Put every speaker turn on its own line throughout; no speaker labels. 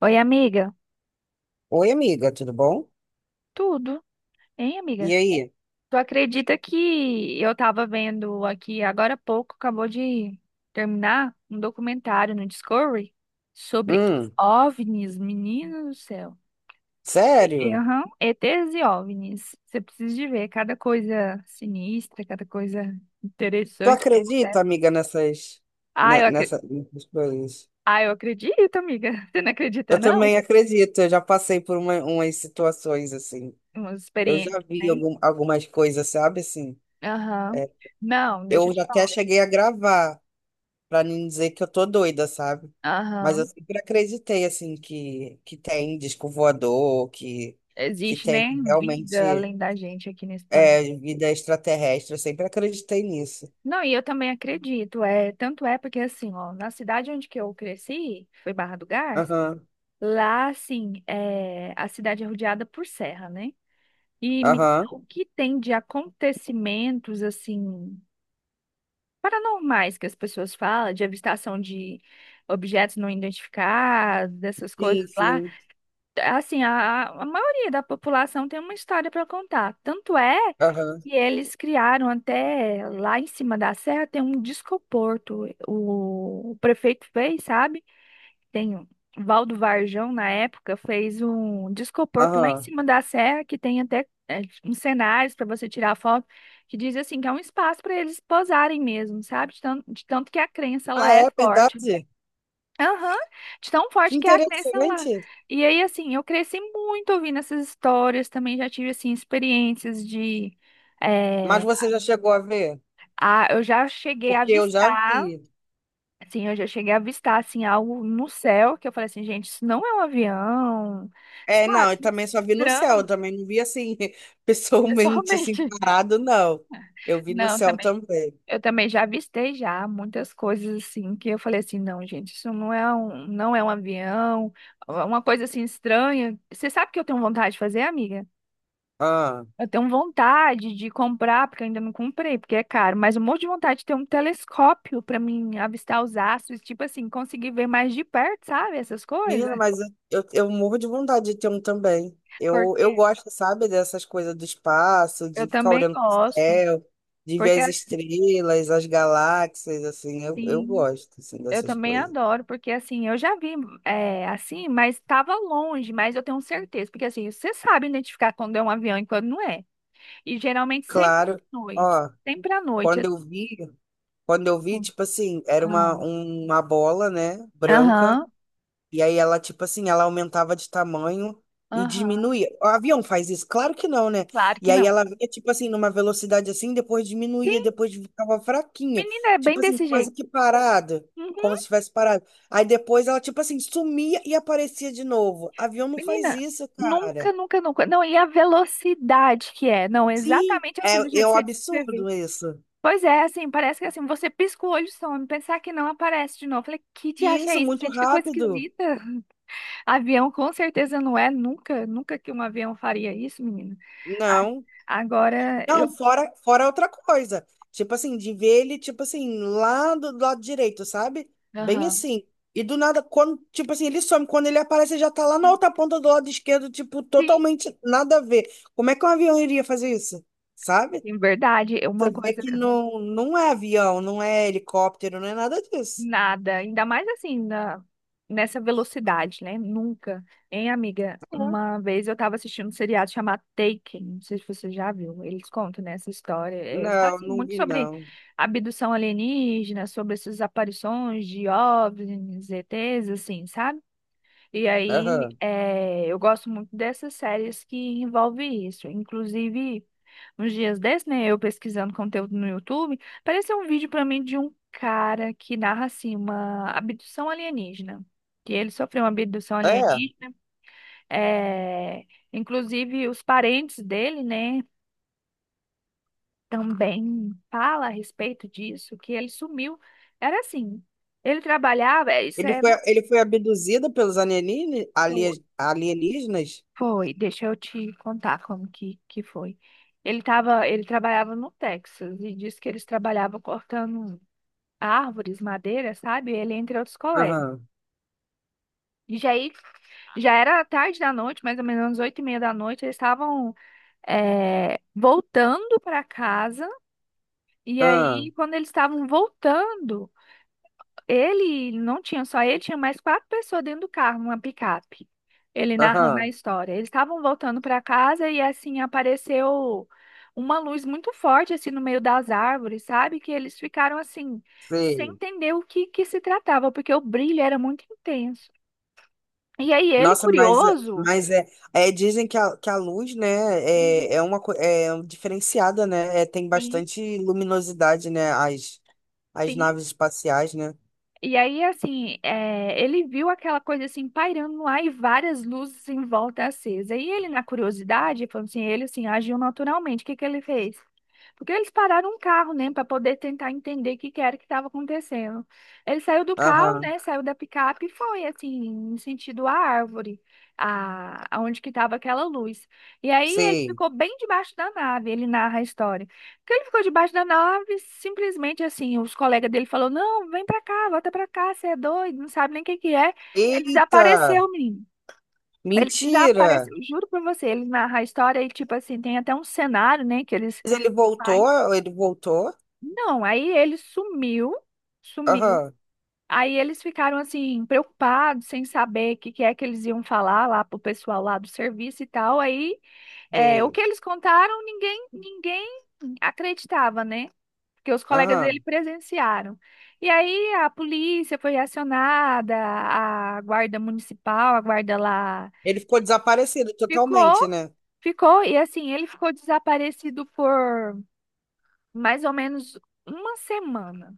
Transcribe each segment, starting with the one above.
Oi, amiga.
Oi, amiga, tudo bom?
Tudo, hein, amiga?
E aí?
Tu acredita que eu tava vendo aqui agora há pouco, acabou de terminar um documentário no Discovery sobre
Hum,
OVNIs, menino do céu.
sério?
Aham, ETs e OVNIs. Você precisa de ver cada coisa sinistra, cada coisa
Tu
interessante que
acredita,
acontece.
amiga,
Ah, eu, acre-
nessas coisas?
ah, eu acredito, amiga. Você não acredita,
Eu
não?
também acredito, eu já passei por umas situações assim.
Umas
Eu já
experiências,
vi
né?
algumas coisas, sabe? Assim,
Aham. Não, deixa eu
eu já
te
até
falar.
cheguei a gravar, pra não dizer que eu tô doida, sabe? Mas eu
Aham.
sempre acreditei, assim, que tem disco voador, que
Existe,
tem
né, vida
realmente
além da gente aqui nesse planeta.
é, vida extraterrestre, eu sempre acreditei nisso.
Não, e eu também acredito, é, tanto é porque assim, ó, na cidade onde que eu cresci, foi Barra do Garça,
Aham.
lá assim, é, a cidade é rodeada por serra, né? E menina,
Aham.
o que tem de acontecimentos assim paranormais que as pessoas falam, de avistação de objetos não identificados, dessas coisas
Sim,
lá,
sim.
assim, a maioria da população tem uma história para contar. Tanto é.
Aham.
E eles criaram até lá em cima da serra tem um discoporto. O prefeito fez, sabe? Tem o Valdo Varjão na época fez um discoporto lá em
Aham.
cima da serra que tem até, é, uns cenários para você tirar foto, que diz assim que é um espaço para eles posarem mesmo, sabe? De tanto que a crença lá
Ah,
é
é
forte.
verdade?
Aham, de tão
Que
forte que é a crença lá.
interessante.
E aí assim, eu cresci muito ouvindo essas histórias, também já tive assim experiências de
Mas
eh,
você já chegou a ver?
ah, eu já cheguei a
Porque eu já
avistar,
vi.
assim, algo no céu, que eu falei assim, gente, isso não é um avião,
É, não,
sabe?
eu também só vi no céu,
Mostrando
eu também não vi assim, pessoalmente, assim,
pessoalmente.
parado, não. Eu vi no
Não,
céu
também,
também.
eu também já avistei já muitas coisas, assim, que eu falei assim, não, gente, isso não é um avião, é uma coisa, assim, estranha. Você sabe o que eu tenho vontade de fazer, amiga?
Ah.
Eu tenho vontade de comprar, porque eu ainda não comprei, porque é caro, mas um monte de vontade de ter um telescópio para mim avistar os astros, tipo assim, conseguir ver mais de perto, sabe? Essas coisas.
Menina, mas eu morro de vontade de ter um também. Eu
Porque
gosto, sabe, dessas coisas do espaço,
eu
de ficar
também
olhando pro
gosto.
céu, de ver
Porque
as estrelas, as galáxias, assim, eu
assim,
gosto, assim,
eu
dessas
também
coisas.
adoro, porque assim, eu já vi, é, assim, mas estava longe, mas eu tenho certeza, porque assim, você sabe identificar quando é um avião e quando não é. E geralmente sempre à
Claro,
noite.
ó,
Sempre à
quando
noite.
eu vi, quando eu vi, tipo assim, era
Ah.
uma bola, né, branca,
Aham,
e aí ela, tipo assim, ela aumentava de tamanho e
aham,
diminuía. O avião faz isso? Claro que não, né?
claro
E
que
aí
não.
ela vinha, tipo assim, numa velocidade assim, depois diminuía,
Sim.
depois ficava fraquinha,
Menina, é bem
tipo assim,
desse
quase
jeito.
que parada, como
Uhum.
se tivesse parado. Aí depois ela, tipo assim, sumia e aparecia de novo. Avião não faz
Menina,
isso,
nunca,
cara.
nunca, nunca. Não, e a velocidade que é. Não,
Sim,
exatamente assim, do
é,
jeito
é
que
um
você descreveu.
absurdo isso.
Pois é, assim, parece que assim, você pisca o olho e some, pensar que não aparece de novo. Eu falei, que te acha
Isso,
isso?
muito
Gente, que coisa
rápido.
esquisita. Avião com certeza não é, nunca, nunca que um avião faria isso, menina. A-
Não,
Agora eu.
não, fora outra coisa. Tipo assim, de ver ele, tipo assim, lá do lado direito, sabe? Bem
Aham.
assim. E do nada, quando, tipo assim, ele some, quando ele aparece, ele já tá lá na outra ponta do lado esquerdo, tipo,
Sim,
totalmente nada a ver. Como é que um avião iria fazer isso? Sabe?
sim, verdade. Uma
É
coisa.
que não, não é avião, não é helicóptero, não é nada disso.
Nada, ainda mais assim, nessa velocidade, né? Nunca. Hein, amiga? Uma vez eu tava assistindo um seriado chamado Taken, não sei se você já viu. Eles contam, né, essa história. É, tá,
Não,
assim,
não
muito
vi,
sobre
não.
abdução alienígena, sobre essas aparições de OVNIs, ETs, assim, sabe? E aí,
Aham.
eu gosto muito dessas séries que envolvem isso. Inclusive, uns dias desses, né, eu pesquisando conteúdo no YouTube, apareceu um vídeo pra mim de um cara que narra, assim, uma abdução alienígena. Que ele sofreu uma abdução
É.
alienígena. Eh, Inclusive, os parentes dele, né, também fala a respeito disso, que ele sumiu. Era assim, ele trabalhava, isso é...
Ele foi abduzido pelos alienígenas?
no-
Alienígenas?
Foi, deixa eu te contar como que foi. Ele trabalhava no Texas e disse que eles trabalhavam cortando árvores, madeira, sabe? Ele entre outros colegas.
Aham.
E já aí, já era tarde da noite, mais ou menos 8h30 da noite, eles estavam voltando para casa. E aí,
Aham.
quando eles estavam voltando, ele não tinha só ele, tinha mais quatro pessoas dentro do carro, uma picape. Ele narrando a
Aham.
história. Eles estavam voltando para casa e assim apareceu uma luz muito forte assim no meio das árvores, sabe? Que eles ficaram assim sem
Sei.
entender o que que se tratava, porque o brilho era muito intenso. E aí ele,
Nossa,
curioso,
mas é, é, dizem que a luz, né, é, é uma é um diferenciada, né? É, tem
sim,
bastante luminosidade, né? As
sim.
naves espaciais, né?
E aí, assim, é, ele viu aquela coisa assim pairando lá e várias luzes em volta acesa. E ele, na curiosidade, falou assim, ele assim, agiu naturalmente. O que que ele fez? Porque eles pararam um carro, né, para poder tentar entender o que que era que estava acontecendo. Ele saiu do carro,
Aham,
né, saiu da picape e foi, assim, em sentido à árvore, aonde que estava aquela luz. E aí ele
sei.
ficou bem debaixo da nave, ele narra a história. Que ele ficou debaixo da nave, simplesmente assim, os colegas dele falou: "Não, vem pra cá, volta pra cá, você é doido, não sabe nem o que que é". Ele
Eita,
desapareceu, menino. Ele
mentira!
desapareceu, juro pra você, ele narra a história e tipo assim, tem até um cenário, né, que eles.
Mas ele
Ai,
voltou, ele voltou?
não, aí ele sumiu, sumiu.
Aham,
Aí eles ficaram assim preocupados, sem saber o que que é que eles iam falar lá pro pessoal lá do serviço e tal. Aí, é, o
sei.
que eles contaram, ninguém, ninguém acreditava, né? Que os colegas dele
Aham.
presenciaram. E aí a polícia foi acionada, a guarda municipal, a guarda lá
Ele ficou desaparecido totalmente,
ficou,
né?
ficou, e assim, ele ficou desaparecido por mais ou menos uma semana,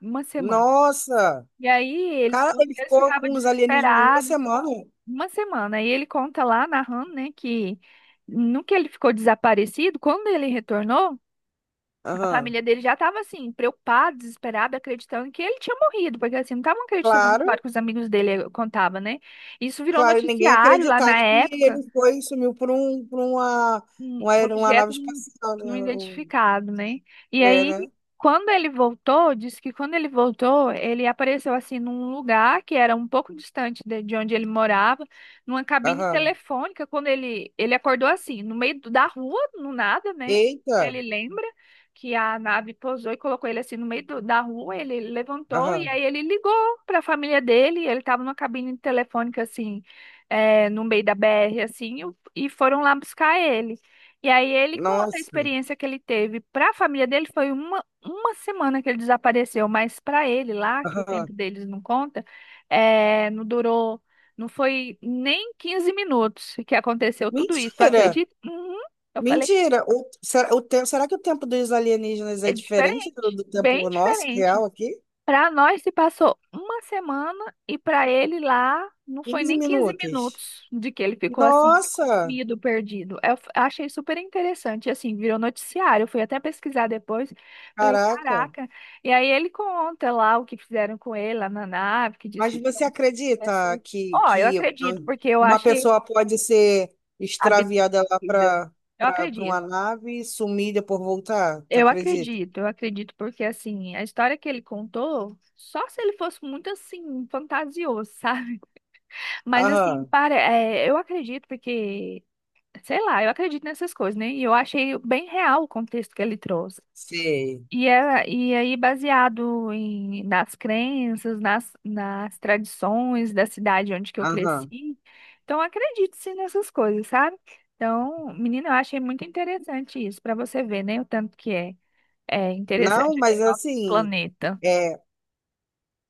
uma semana.
Nossa!
E aí eles,
Cara, ele
eles
ficou
ficavam
com os alienígenas uma
desesperados,
semana.
uma semana. E ele conta lá, narrando, né, que no que ele ficou desaparecido, quando ele retornou, a
Aham.
família dele já estava assim, preocupada, desesperada, acreditando que ele tinha morrido, porque assim, não estavam acreditando na
Claro.
história que os amigos dele contavam, né? Isso virou
Claro, ninguém ia
noticiário lá na
acreditar que
época.
ele foi e sumiu por uma,
Um
uma nave
objeto
espacial,
não
né? O-
identificado, né? E
É,
aí,
né?
quando ele voltou, disse que quando ele voltou, ele apareceu assim num lugar que era um pouco distante de onde ele morava, numa cabine
Aham.
telefônica. Quando ele acordou assim, no meio do- da rua, no nada, né? Que
Eita!
ele lembra que a nave pousou e colocou ele assim no meio do- da rua. Ele levantou e
Aham.
aí ele ligou para a família dele. Ele estava numa cabine telefônica assim, é, no meio da BR assim, e foram lá buscar ele. E aí ele conta a
Nossa!
experiência que ele teve. Para a família dele foi uma semana que ele desapareceu, mas para ele lá, que o tempo
Aham.
deles não conta, é, não durou, não foi nem 15 minutos que aconteceu tudo isso. Tu
Mentira!
acredita? Uhum. Eu falei,
Mentira! Será, o tempo, será que o tempo dos alienígenas é
é
diferente
diferente,
do
bem
tempo nosso,
diferente.
real aqui?
Para nós se passou uma semana e para ele lá não foi
15
nem 15
minutos.
minutos de que ele ficou assim,
Nossa!
sumido, perdido. Achei super interessante, assim, virou noticiário. Eu fui até pesquisar depois. Falei,
Caraca!
caraca. E aí ele conta lá o que fizeram com ele lá na nave, que diz
Mas
que são
você acredita
pessoas. Ó, eu
que
acredito, porque eu
uma
achei
pessoa pode ser
absurda.
extraviada lá
Eu
para
acredito.
uma nave e sumir e depois voltar? Tu
Eu
acredita?
acredito, eu acredito, porque assim, a história que ele contou, só se ele fosse muito assim, fantasioso, sabe? Mas assim,
Aham,
para, é, eu acredito porque, sei lá, eu acredito nessas coisas, né? E eu achei bem real o contexto que ele trouxe.
sei.
E, é, e aí, baseado nas crenças, nas tradições da cidade onde que eu
Aham.
cresci, então eu acredito sim nessas coisas, sabe? Então, menina, eu achei muito interessante isso, para você ver, né? O tanto que é, é
Não,
interessante
mas
o nosso
assim,
planeta.
é,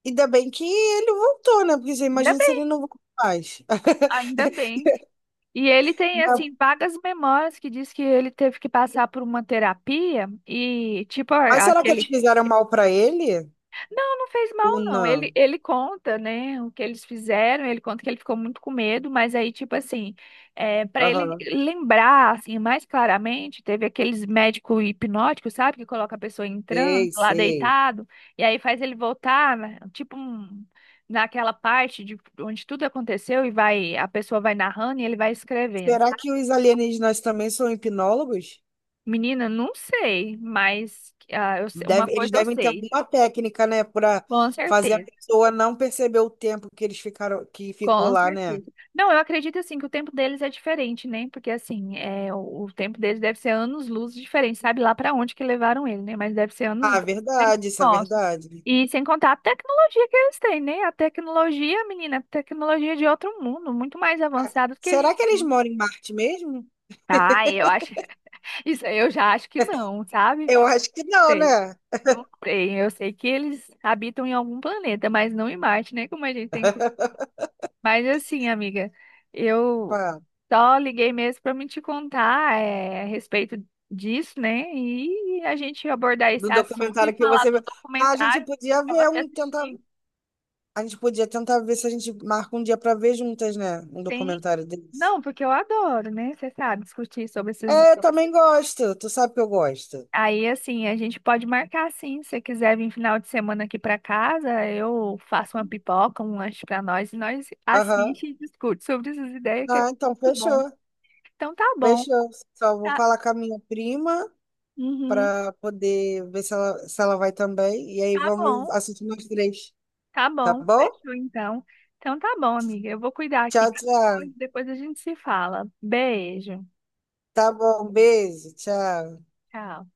ainda bem que ele voltou, né? Porque você
Ainda
imagina se
bem,
ele não voltou mais.
ainda bem. E ele tem,
Não.
assim, vagas memórias que diz que ele teve que passar por uma terapia e, tipo,
Mas será que eles
aquele.
fizeram mal para ele?
Não, não fez mal,
Ou
não. Ele,
não?
ele conta, né, o que eles fizeram, ele conta que ele ficou muito com medo, mas aí, tipo assim, é, para ele
Aham,
lembrar, assim, mais claramente, teve aqueles médicos hipnóticos, sabe, que coloca a pessoa em transe,
sei,
lá
sei.
deitado, e aí faz ele voltar, né, tipo, um. Naquela parte de onde tudo aconteceu e vai, a pessoa vai narrando e ele vai escrevendo.
Será que os alienígenas também são hipnólogos?
Menina, não sei, mas ah, uma
Deve- eles
coisa eu
devem ter
sei,
alguma técnica, né, para
com
fazer a
certeza,
pessoa não perceber o tempo que eles ficaram, que ficou
com
lá, né?
certeza. Não, eu acredito assim que o tempo deles é diferente, né? Porque assim, é, o tempo deles deve ser anos-luz diferente, sabe lá pra onde que levaram ele, né? Mas deve ser
Ah,
anos-luz diferente
verdade,
do
isso é
nosso.
verdade.
E sem contar a tecnologia que eles têm, né? A tecnologia, menina, a tecnologia de outro mundo, muito mais
Ah,
avançada do que a
será
gente.
que eles moram em Marte mesmo?
Ah, eu acho, isso aí eu já acho que não, sabe?
Eu acho que não, né?
Não sei, eu sei que eles habitam em algum planeta, mas não em Marte, né? Como a gente tem. Mas assim, amiga, eu
Pá,
só liguei mesmo para me te contar, é, a respeito disso, né? E a gente abordar esse
no
assunto e
documentário que
falar
você
do
viu. Ah, a gente
documentário
podia
para
ver
você
um, tentar,
assistir.
a gente podia tentar ver se a gente marca um dia para ver juntas, né? Um
Sim.
documentário desse.
Não, porque eu adoro, né? Você sabe, discutir sobre esses.
É, eu também gosto. Tu sabe que eu gosto.
Aí, assim, a gente pode marcar sim. Se você quiser vir final de semana aqui para casa, eu faço uma pipoca, um lanche para nós e nós
Aham.
assiste e discute sobre essas ideias que é
Ah, então
muito bom.
fechou.
Então tá bom.
Fechou. Só vou
Tá,
falar com a minha prima,
uhum,
para poder ver se ela, se ela vai também. E aí
tá
vamos
bom,
assistir nós três,
tá
tá
bom.
bom?
Fechou então. Então tá bom, amiga. Eu vou cuidar aqui
Tchau,
das
tchau.
coisas, depois a gente se fala. Beijo.
Tá bom, beijo, tchau.
Tchau.